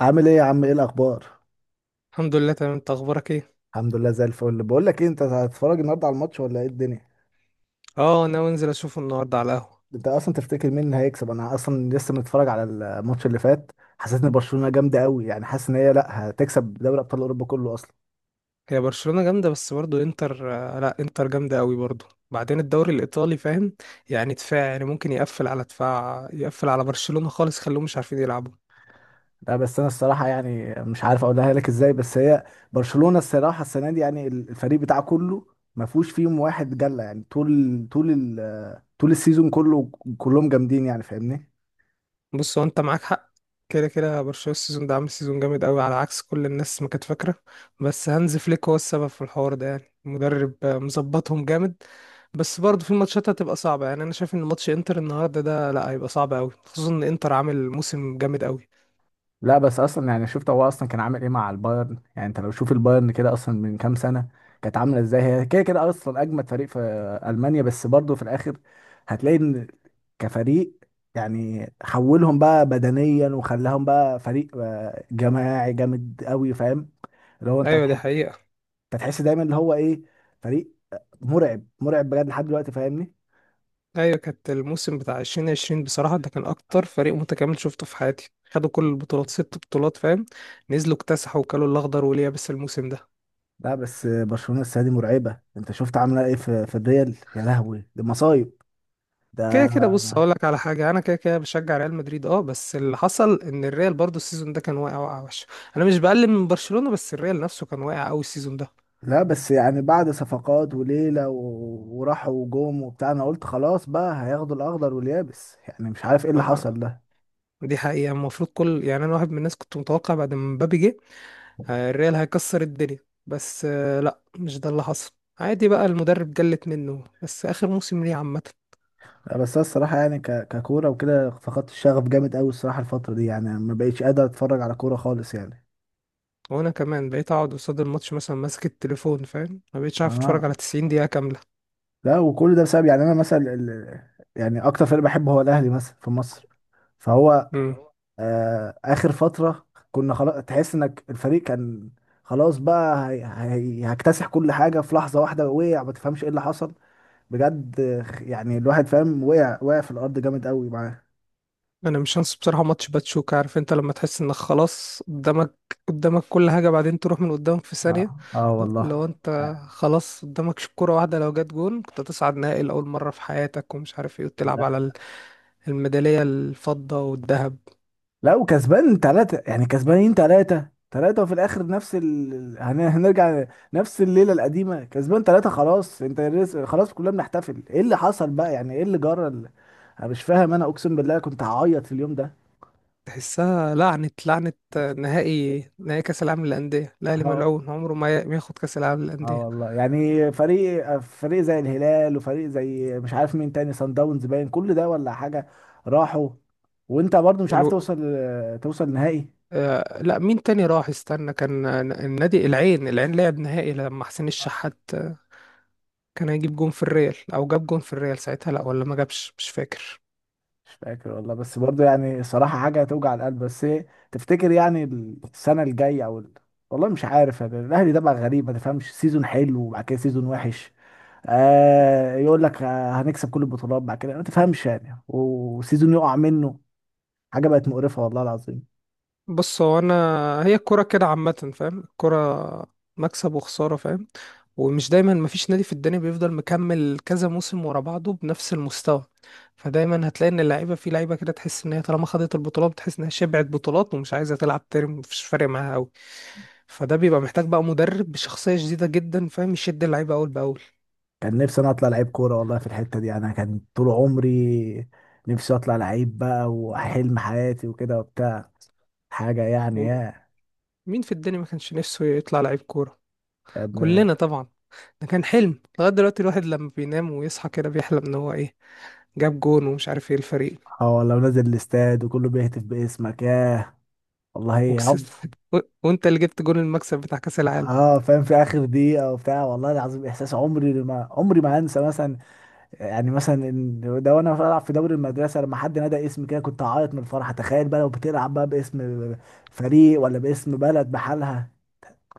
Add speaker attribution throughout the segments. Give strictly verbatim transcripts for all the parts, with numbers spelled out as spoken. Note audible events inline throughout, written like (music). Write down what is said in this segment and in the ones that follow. Speaker 1: عامل ايه يا عم؟ ايه الاخبار؟
Speaker 2: الحمد لله، تمام. انت اخبارك ايه؟
Speaker 1: الحمد لله زي الفل. بقول لك ايه، انت هتتفرج النهارده على الماتش ولا ايه الدنيا؟
Speaker 2: اه، ناوي انزل اشوفه النهارده على القهوه.
Speaker 1: انت اصلا تفتكر مين اللي هيكسب؟ انا اصلا لسه متفرج على الماتش اللي فات. حسيت ان برشلونة جامده قوي، يعني حاسس ان هي لا هتكسب دوري ابطال اوروبا كله اصلا.
Speaker 2: هي برشلونه جامده، بس برضو انتر آه، لا، انتر جامده قوي برضو. بعدين الدوري الايطالي، فاهم؟ يعني دفاع، يعني ممكن يقفل على دفاع، يقفل على برشلونه خالص، خلوهم مش عارفين يلعبوا.
Speaker 1: لا بس انا الصراحه يعني مش عارف اقولها لك ازاي، بس هي برشلونة الصراحه السنه دي يعني الفريق بتاعه كله ما فيهوش فيهم واحد جله، يعني طول طول ال- طول السيزون كله كلهم جامدين، يعني فاهمني.
Speaker 2: بص، هو انت معاك حق. كده كده، برشلونة السيزون ده عامل سيزون جامد قوي على عكس كل الناس ما كانت فاكرة. بس هانز فليك هو السبب في الحوار ده، يعني مدرب آه، مظبطهم جامد. بس برضه في ماتشات هتبقى صعبة، يعني انا شايف ان ماتش انتر النهاردة ده، لا، هيبقى صعب قوي، خصوصا ان انتر عامل موسم جامد قوي.
Speaker 1: لا بس اصلا يعني شفت هو اصلا كان عامل ايه مع البايرن؟ يعني انت لو شوف البايرن كده اصلا من كام سنه كانت عامله ازاي، هي كده كده اصلا اجمد فريق في المانيا، بس برضه في الاخر هتلاقي ان كفريق يعني حولهم بقى بدنيا وخلاهم بقى فريق آه، جماعي جامد قوي، فاهم؟ اللي هو انت
Speaker 2: ايوه، دي
Speaker 1: هتح-
Speaker 2: حقيقة.
Speaker 1: انت هتحس دايما اللي هو ايه، فريق مرعب مرعب بجد لحد دلوقتي، فاهمني.
Speaker 2: ايوه، كانت الموسم بتاع الفين وعشرين بصراحة، ده كان اكتر فريق متكامل شفته في حياتي. خدوا كل البطولات، ست بطولات، فاهم؟ نزلوا اكتسحوا وكلوا الاخضر واليابس الموسم ده.
Speaker 1: لا بس برشلونه السنه دي مرعبه، انت شفت عامله ايه في في الريال؟ يا لهوي دي مصايب
Speaker 2: كده
Speaker 1: ده.
Speaker 2: كده، بص، هقول لك على حاجه. انا كده كده بشجع ريال مدريد، اه، بس اللي حصل ان الريال برضو السيزون ده كان واقع واقع وحش. انا مش بقلل من برشلونه، بس الريال نفسه كان واقع قوي السيزون ده.
Speaker 1: لا بس يعني بعد صفقات وليلة و- وراحوا وجوم وبتاع، انا قلت خلاص بقى هياخدوا الاخضر واليابس، يعني مش عارف ايه اللي
Speaker 2: ما،
Speaker 1: حصل ده.
Speaker 2: دي حقيقه. المفروض كل، يعني، انا واحد من الناس كنت متوقع بعد ما مبابي جه. آه، الريال هيكسر الدنيا. بس آه، لا، مش ده اللي حصل. عادي بقى، المدرب جلت منه بس اخر موسم ليه عامه.
Speaker 1: لا بس أنا الصراحة يعني ك... ككورة وكده فقدت الشغف جامد قوي الصراحة الفترة دي، يعني ما بقيتش قادر اتفرج على كورة خالص يعني.
Speaker 2: وانا كمان بقيت اقعد قصاد الماتش مثلا ماسك التليفون، فاهم، ما بقتش عارف اتفرج
Speaker 1: اه.
Speaker 2: على تسعين دقيقة دقيقه كامله.
Speaker 1: لا وكل ده بسبب، يعني انا مثلا ال...، يعني اكتر فريق بحبه هو الاهلي مثلا في مصر، فهو آه اخر فترة كنا خلاص، تحس انك الفريق كان خلاص بقى هي... هي... هيكتسح كل حاجة في لحظة واحدة، وقع ما تفهمش ايه اللي حصل بجد. يعني الواحد فاهم، وقع وقع في الارض جامد قوي معاه.
Speaker 2: انا مش هنسى بصراحه ماتش باتشوكا. عارف انت لما تحس انك خلاص قدامك، قدامك كل حاجه، بعدين تروح من قدامك في
Speaker 1: اه
Speaker 2: ثانيه؟
Speaker 1: اه والله.
Speaker 2: لو انت خلاص قدامك ش- كره واحده لو جت جون، كنت تصعد نهائي لاول مره في حياتك ومش عارف ايه، وتلعب
Speaker 1: لا
Speaker 2: على ال- الميداليه الفضه والذهب.
Speaker 1: لا وكسبان تلاتة، يعني كسبانين تلاتة تلاتة، وفي الآخر نفس ال... ال- هن- هنرجع نفس الليلة القديمة، كسبان تلاتة خلاص انت رز- خلاص كلنا بنحتفل، ايه اللي حصل بقى؟ يعني ايه اللي جرى ال- انا مش فاهم، انا اقسم بالله كنت هعيط في اليوم
Speaker 2: تحسها لعنه لعنه. نهائي نهائي كاس العالم للانديه، الاهلي
Speaker 1: ده.
Speaker 2: ملعون عمره ما ي- ما ياخد كاس العالم
Speaker 1: اه
Speaker 2: للانديه.
Speaker 1: والله يعني فريق فريق زي الهلال وفريق زي مش عارف مين تاني، صن داونز، باين كل ده ولا حاجة، راحوا، وانت برضو مش عارف
Speaker 2: الو...
Speaker 1: توصل توصل نهائي.
Speaker 2: آه لا، مين تاني راح؟ استنى، كان النادي العين العين لعب نهائي لما حسين الشحات كان هيجيب جون في الريال، او جاب جون في الريال ساعتها، لا ولا ما جابش، مش فاكر.
Speaker 1: مش فاكر والله، بس برضو يعني صراحة حاجة توجع القلب. بس ايه تفتكر يعني السنة الجاية او ال- والله مش عارف، يعني الاهلي ده بقى غريب، ما تفهمش سيزون حلو وبعد كده سيزون وحش. آه يقول لك آه هنكسب كل البطولات، بعد كده ما تفهمش يعني، وسيزون يقع منه، حاجة بقت مقرفة والله العظيم.
Speaker 2: بص، هو انا، هي الكرة كده عامة، فاهم؟ الكرة مكسب وخسارة، فاهم. ومش دايما، مفيش نادي في الدنيا بيفضل مكمل كذا موسم ورا بعضه بنفس المستوى. فدايما هتلاقي ان اللعيبة، في لعيبة كده تحس ان هي طالما خدت البطولات بتحس انها شبعت بطولات ومش عايزة تلعب تاني، مفيش فارق معاها قوي. فده بيبقى محتاج بقى مدرب بشخصية جديدة جدا، فاهم، يشد اللعيبة اول باول.
Speaker 1: كان نفسي انا اطلع لعيب كوره والله في الحته دي، انا كان طول عمري نفسي اطلع لعيب بقى، وحلم حياتي وكده وبتاع حاجه يعني، يا
Speaker 2: ومين في الدنيا ما كانش نفسه يطلع لعيب كورة؟
Speaker 1: يا ابني.
Speaker 2: كلنا طبعا. ده كان حلم. لغاية دلوقتي الواحد لما بينام ويصحى كده بيحلم ان هو ايه، جاب جون ومش عارف ايه الفريق.
Speaker 1: اه والله، ونازل الاستاد وكله بيهتف باسمك، ياه والله هم-
Speaker 2: وكسبت (laughs) و- وانت اللي جبت جون المكسب بتاع كأس العالم.
Speaker 1: اه فاهم، في اخر دقيقه وبتاع، والله العظيم احساس عمري ما عمري ما انسى مثلا، يعني مثلا إن ده وانا بلعب في دوري المدرسه لما حد نادى اسمي كده كنت هعيط من الفرحه، تخيل بقى لو بتلعب بقى باسم فريق ولا باسم بلد بحالها.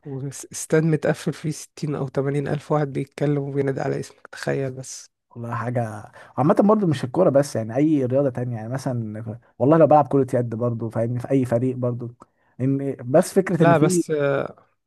Speaker 2: واستاد متقفل فيه ستين او تمانين الف واحد بيتكلم وبينادي على اسمك، تخيل بس.
Speaker 1: والله حاجة. عامة برضو مش الكورة بس، يعني أي رياضة تانية، يعني مثلا والله لو بلعب كرة يد برضو فاهمني في أي فريق برضو إن، بس فكرة إن
Speaker 2: لا،
Speaker 1: في،
Speaker 2: بس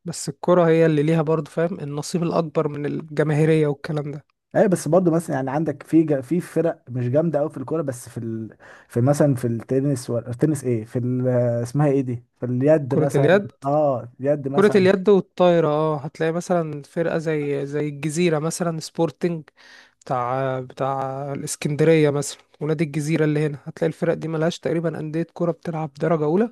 Speaker 2: بس الكرة هي اللي ليها برضه، فاهم، النصيب الأكبر من الجماهيرية والكلام ده.
Speaker 1: أي بس برضو مثلا يعني عندك في جا- في فرق مش جامدة أوي في الكورة، بس في ال...، في مثلا في التنس و... التنس إيه، في ال... اسمها إيه دي، في اليد
Speaker 2: كرة
Speaker 1: مثلا.
Speaker 2: اليد.
Speaker 1: أه اليد
Speaker 2: كرة
Speaker 1: مثلا.
Speaker 2: اليد والطايرة، اه، هتلاقي مثلا فرقة زي زي الجزيرة مثلا، سبورتنج بتاع بتاع الإسكندرية مثلا، ونادي الجزيرة اللي هنا. هتلاقي الفرق دي ملهاش تقريبا أندية كرة بتلعب درجة أولى.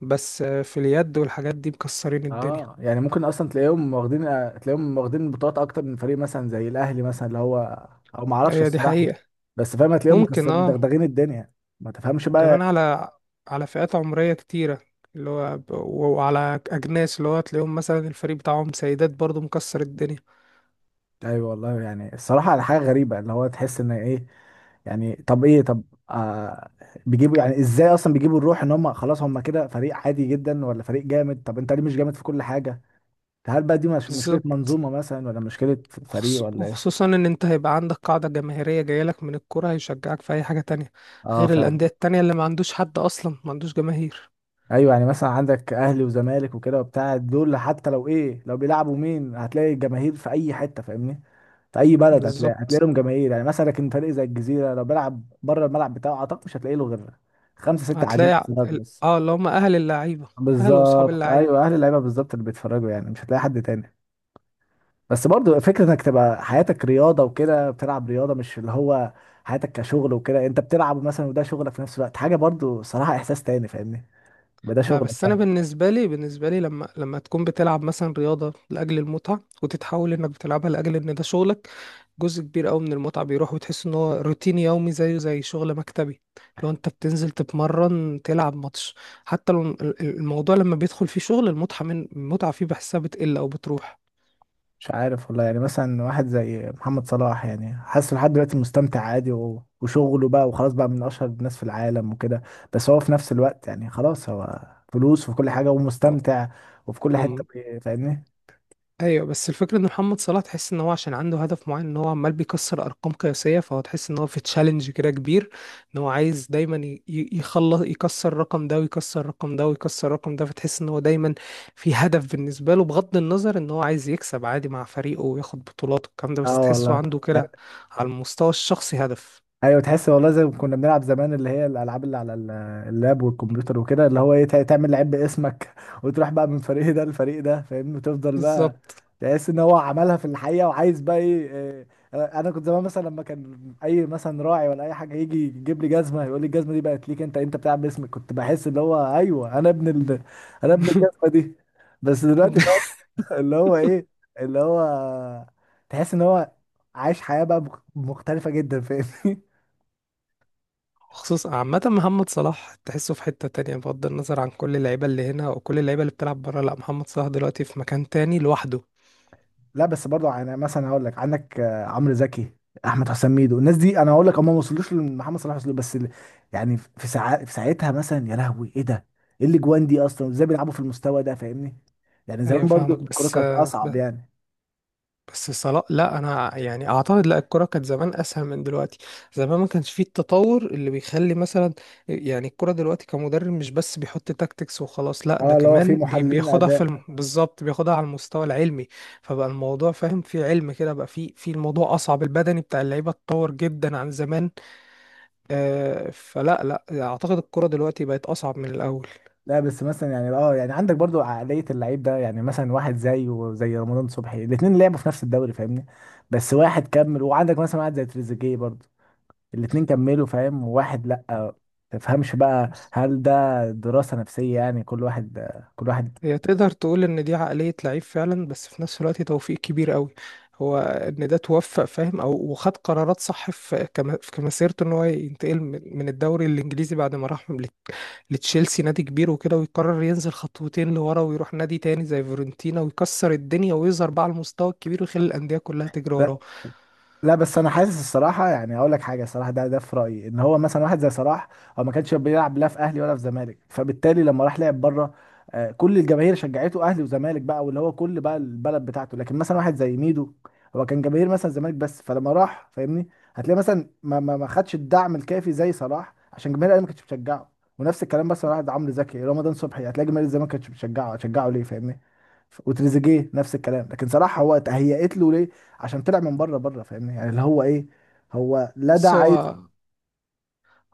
Speaker 2: بس آه، في اليد والحاجات دي مكسرين الدنيا.
Speaker 1: اه يعني ممكن اصلا تلاقيهم واخدين تلاقيهم واخدين بطولات اكتر من فريق مثلا زي الاهلي، مثلا اللي هو او ما اعرفش
Speaker 2: هي دي
Speaker 1: الصراحه،
Speaker 2: حقيقة.
Speaker 1: بس فاهم هتلاقيهم
Speaker 2: ممكن،
Speaker 1: مكسبين
Speaker 2: اه.
Speaker 1: مدغدغين الدنيا، ما تفهمش
Speaker 2: وكمان
Speaker 1: بقى.
Speaker 2: على على فئات عمرية كتيرة، اللي هو ب- وعلى أجناس، اللي هو تلاقيهم مثلا الفريق بتاعهم سيدات برضو مكسر الدنيا.
Speaker 1: ايوه والله، يعني الصراحه على حاجه غريبه اللي هو تحس ان ايه، يعني طب ايه طب آه، بيجيبوا يعني ازاي اصلا بيجيبوا الروح، ان هم خلاص هم كده فريق عادي جدا ولا فريق جامد؟ طب انت ليه مش جامد في كل حاجه؟ هل بقى دي مش مشكله
Speaker 2: بالظبط.
Speaker 1: منظومه مثلا ولا مشكله
Speaker 2: خص-
Speaker 1: فريق، ولا ايه؟
Speaker 2: وخصوصا ان انت هيبقى عندك قاعدة جماهيرية جايلك من الكرة هيشجعك في اي حاجة تانية،
Speaker 1: اه
Speaker 2: غير
Speaker 1: فعلا.
Speaker 2: الاندية التانية اللي ما عندوش حد اصلا، ما عندوش جماهير.
Speaker 1: ايوه يعني مثلا عندك اهلي وزمالك وكده وبتاع، دول حتى لو ايه لو بيلعبوا مين هتلاقي الجماهير في اي حته، فاهمني، في اي بلد هتلاقي هتلاقي
Speaker 2: بالظبط.
Speaker 1: لهم جماهير، يعني مثلا. لكن فريق زي الجزيره لو بيلعب بره الملعب بتاعه، اعتقد مش هتلاقي له غير خمسه سته قاعدين
Speaker 2: هتلاقي ع-
Speaker 1: بيتفرجوا
Speaker 2: ال-
Speaker 1: بس.
Speaker 2: اه اللي هم اهل اللعيبة. اهل واصحاب
Speaker 1: بالظبط
Speaker 2: اللعيبة.
Speaker 1: ايوه اهل اللعيبه بالظبط اللي بيتفرجوا، يعني مش هتلاقي حد تاني. بس برضو فكره انك تبقى حياتك رياضه وكده بتلعب رياضه، مش اللي هو حياتك كشغل وكده، انت بتلعب مثلا وده شغلك في نفس الوقت، حاجه برضو صراحه احساس تاني فاهمني، يبقى ده
Speaker 2: لا، بس
Speaker 1: شغلك
Speaker 2: انا
Speaker 1: يعني.
Speaker 2: بالنسبه لي بالنسبه لي، لما لما تكون بتلعب مثلا رياضه لاجل المتعه وتتحول انك بتلعبها لاجل ان ده شغلك، جزء كبير قوي من المتعه بيروح، وتحس ان هو روتين يومي زيه زي شغل مكتبي. لو انت بتنزل تتمرن تلعب ماتش، حتى لو ال- ال- الموضوع لما بيدخل فيه شغل، المتعه من المتعه فيه بحسها بتقل او
Speaker 1: مش عارف والله، يعني مثلا واحد زي محمد صلاح، يعني حاسس لحد دلوقتي مستمتع عادي و- وشغله بقى وخلاص بقى من اشهر الناس في العالم وكده، بس هو في نفس الوقت يعني خلاص هو فلوس وفي كل حاجة
Speaker 2: بتروح.
Speaker 1: ومستمتع وفي كل حتة بي- فاهمني.
Speaker 2: ايوه، بس الفكره ان محمد صلاح تحس ان هو عشان عنده هدف معين، ان هو عمال بيكسر ارقام قياسيه، فهو تحس ان هو في تشالنج كده كبير. ان هو عايز دايما ي- ي- يخلص يكسر الرقم ده ويكسر الرقم ده ويكسر الرقم ده، فتحس ان هو دايما في هدف بالنسبه له، بغض النظر ان هو عايز يكسب عادي مع فريقه وياخد بطولات والكلام ده، بس
Speaker 1: اه
Speaker 2: تحسه
Speaker 1: والله.
Speaker 2: عنده كده على المستوى الشخصي هدف.
Speaker 1: ايوه تحس والله زي ما كنا بنلعب زمان، اللي هي الالعاب اللي على ال- اللاب والكمبيوتر وكده، اللي هو ايه تع- تعمل لعيب باسمك (laughs) وتروح بقى من فريق ده لفريق ده فاهمني، وتفضل بقى
Speaker 2: بالظبط.
Speaker 1: تحس ان هو عملها في الحقيقه، وعايز بقى ايه. إيه، انا كنت زمان مثلا لما كان اي مثلا راعي ولا اي حاجه يجي يجيب لي جزمه يقول لي الجزمه دي بقت ليك، انت انت بتلعب باسمك، كنت بحس اللي هو ايوه انا ابن ال... انا ابن الجزمه
Speaker 2: (laughs)
Speaker 1: دي، بس دلوقتي بقى (laughs) اللي هو ايه اللي هو تحس ان هو عايش حياه بقى مخ- مختلفه جدا فاهمني.
Speaker 2: خصوصا عامة، محمد صلاح تحسه في حتة تانية بغض النظر عن كل اللعيبة اللي هنا وكل اللعيبة اللي بتلعب برا. لا، محمد صلاح دلوقتي في مكان تاني لوحده.
Speaker 1: لا بس برضه يعني مثلا هقول لك عندك آه، عمرو زكي، احمد حسام ميدو، الناس دي انا هقول لك هم ما وصلوش لمحمد صلاح، وصلوا بس ال- يعني في ساعات، في ساعتها مثلا يا لهوي ايه ده، ايه الاجوان دي اصلا ازاي بيلعبوا في المستوى ده فاهمني؟ يعني
Speaker 2: أيوة،
Speaker 1: زمان برضه
Speaker 2: فاهمك،
Speaker 1: الكوره
Speaker 2: بس
Speaker 1: كانت اصعب
Speaker 2: ب-
Speaker 1: يعني.
Speaker 2: بس صلاح، لا أنا يعني أعتقد لا، الكرة كانت زمان أسهل من دلوقتي. زمان ما كانش فيه التطور اللي بيخلي مثلا، يعني الكرة دلوقتي كمدرب مش بس بيحط تاكتكس وخلاص، لا ده
Speaker 1: اه اللي هو في
Speaker 2: كمان بي-
Speaker 1: محللين
Speaker 2: بياخدها في الم...
Speaker 1: اداء.
Speaker 2: بالظبط بياخدها على المستوى العلمي. فبقى الموضوع، فاهم، فيه علم كده، بقى فيه في الموضوع أصعب. البدني بتاع اللعيبة اتطور جدا عن زمان. آه، فلا، لا اعتقد الكرة دلوقتي بقت اصعب من الاول.
Speaker 1: لا بس مثلا يعني اه، يعني عندك برضه عقليه اللعيب ده، يعني مثلا واحد زي وزي رمضان صبحي، الاثنين لعبوا في نفس الدوري فاهمني، بس واحد كمل، وعندك مثلا واحد زي تريزيجيه برضه، الاتنين كملوا فاهم، وواحد لأ، تفهمش بقى،
Speaker 2: بس
Speaker 1: هل ده دراسة نفسية يعني كل واحد كل واحد.
Speaker 2: هي تقدر تقول ان دي عقلية لعيب فعلا، بس في نفس الوقت توفيق كبير قوي. هو ان ده توفق، فاهم، او وخد قرارات صح في كم- في مسيرته، ان هو ينتقل من من الدوري الانجليزي بعد ما راح لت- لتشيلسي، نادي كبير وكده، ويقرر ينزل خطوتين لورا، ويروح نادي تاني زي فيورنتينا ويكسر الدنيا ويظهر بقى على المستوى الكبير ويخلي الاندية كلها تجري وراه.
Speaker 1: لا بس انا حاسس الصراحه، يعني هقول لك حاجه الصراحه ده ده في رايي ان هو مثلا واحد زي صلاح، هو ما كانش بيلعب لا في اهلي ولا في زمالك، فبالتالي لما راح لعب بره آه، كل الجماهير شجعته، اهلي وزمالك بقى، واللي هو كل بقى البلد بتاعته. لكن مثلا واحد زي ميدو، هو كان جماهير مثلا زمالك بس، فلما راح فاهمني هتلاقي مثلا ما ما ما خدش الدعم الكافي زي صلاح، عشان جماهير الاهلي ما كانتش بتشجعه. ونفس الكلام مثلا واحد عمرو زكي رمضان صبحي، هتلاقي جماهير الزمالك ما كانتش بتشجعه، هتشجعه ليه فاهمني؟ ف- وتريزيجيه نفس الكلام، لكن صلاح هو تهيأت له ليه، عشان طلع من بره بره فاهمني، يعني اللي هو ايه هو، لا ده
Speaker 2: بس
Speaker 1: عايز.
Speaker 2: هو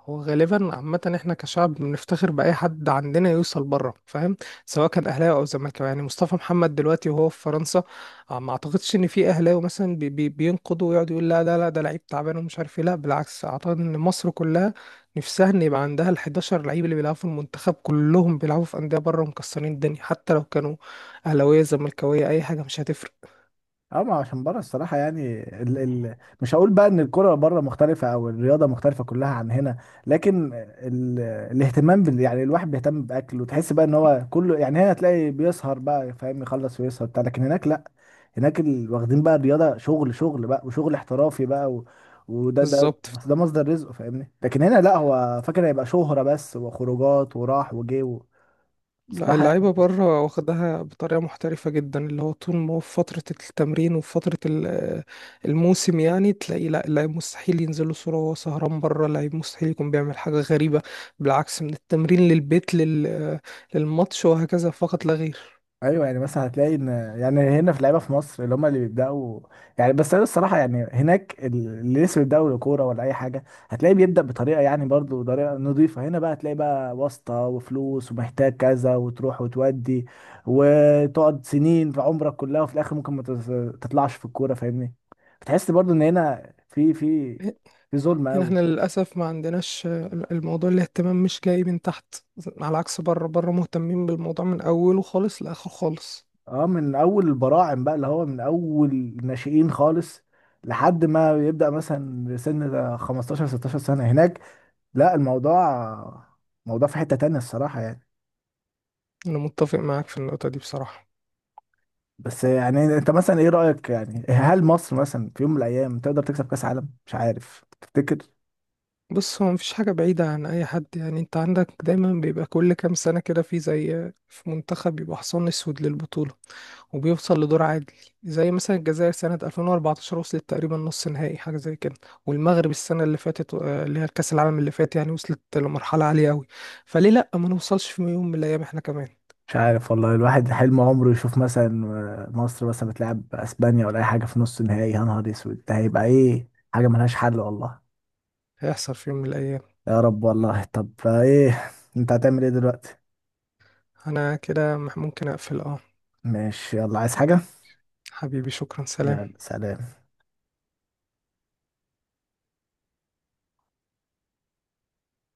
Speaker 2: هو غالبا عامة، احنا كشعب بنفتخر بأي حد عندنا يوصل بره، فاهم. سواء كان أهلاوي أو زملكاوي، يعني مصطفى محمد دلوقتي وهو في فرنسا، آه، ما أعتقدش إن في أهلاوي مثلا بي بي بينقضوا ويقعد يقول لا ده لا ده لعيب تعبان ومش عارف إيه. لا بالعكس، أعتقد إن مصر كلها نفسها إن يبقى عندها ال حداشر لعيب اللي بيلعبوا في المنتخب، كلهم بيلعبوا في أندية بره ومكسرين الدنيا، حتى لو كانوا أهلاوية زملكاوية، أي حاجة مش هتفرق.
Speaker 1: اه ما عشان بره الصراحه يعني ال... ال... مش هقول بقى ان الكره بره مختلفه، او الرياضه مختلفه كلها عن هنا، لكن ال... الاهتمام بال... يعني الواحد بيهتم باكله، تحس بقى ان هو كله يعني هنا تلاقي بيسهر بقى فاهم، يخلص ويسهر بتاع، لكن هناك لا، هناك ال... واخدين بقى الرياضه شغل، شغل بقى وشغل احترافي بقى و... وده ده
Speaker 2: بالظبط.
Speaker 1: بس ده مصدر رزقه فاهمني، لكن هنا لا هو فاكر هيبقى شهره بس وخروجات وراح وجه و...
Speaker 2: لا،
Speaker 1: صراحة.
Speaker 2: اللعيبة بره واخدها بطريقة محترفة جدا، اللي هو طول ما هو في فترة التمرين وفي فترة ال- الموسم، يعني تلاقي، لا، اللعيب مستحيل ينزل له صورة وهو سهران بره، اللعيب مستحيل يكون بيعمل حاجة غريبة. بالعكس، من التمرين للبيت لل... للماتش، وهكذا فقط لا غير.
Speaker 1: ايوه يعني مثلا هتلاقي ان يعني هنا في لعيبه في مصر اللي هم اللي بيبداوا، يعني بس انا الصراحه يعني هناك اللي لسه بيبداوا كوره ولا اي حاجه هتلاقيه بيبدا بطريقه، يعني برضو طريقه نظيفه. هنا بقى هتلاقي بقى واسطه وفلوس ومحتاج كذا، وتروح وتودي، وتقعد سنين في عمرك كلها، وفي الاخر ممكن ما تز- تطلعش في الكوره فاهمني، بتحس برضو ان هنا في في في ظلم
Speaker 2: هنا احنا
Speaker 1: قوي.
Speaker 2: للأسف ما عندناش، الموضوع الاهتمام مش جاي من تحت، على عكس بره. بره مهتمين بالموضوع من أوله خالص لآخر خالص.
Speaker 1: اه من اول البراعم بقى، اللي هو من اول الناشئين خالص لحد ما يبدأ مثلا سن ده خمستاشر ستاشر سنة. هناك لا الموضوع، موضوع في حتة تانية الصراحة يعني.
Speaker 2: أنا متفق معاك في النقطة دي بصراحة.
Speaker 1: بس يعني انت مثلا ايه رأيك، يعني هل مصر مثلا في يوم من الايام تقدر تكسب كأس عالم؟ مش عارف تفتكر.
Speaker 2: بص هو مفيش حاجة بعيدة عن أي حد، يعني أنت عندك دايما بيبقى كل كام سنة كده في، زي في منتخب بيبقى حصان أسود للبطولة وبيوصل لدور عادل. زي مثلا الجزائر سنة ألفين واربعتاشر وصلت تقريبا نص نهائي، حاجة زي كده. والمغرب السنة اللي فاتت، آه، اللي هي الكأس العالم اللي فات، يعني وصلت لمرحلة عالية أوي. فليه لأ ما نوصلش في يوم من الأيام إحنا كمان؟
Speaker 1: مش عارف والله، الواحد حلم عمره يشوف مثلا مصر مثلا بتلعب اسبانيا ولا اي حاجة في نص النهائي، يا نهار اسود ده هيبقى ايه، حاجة ملهاش حل والله.
Speaker 2: هيحصل في يوم من الأيام.
Speaker 1: يا رب والله. طب ايه، انت هتعمل ايه دلوقتي؟
Speaker 2: أنا كده مح- ممكن أقفل، أه.
Speaker 1: ماشي، يلا عايز حاجة؟
Speaker 2: حبيبي، شكرا،
Speaker 1: يلا
Speaker 2: سلام.
Speaker 1: سلام.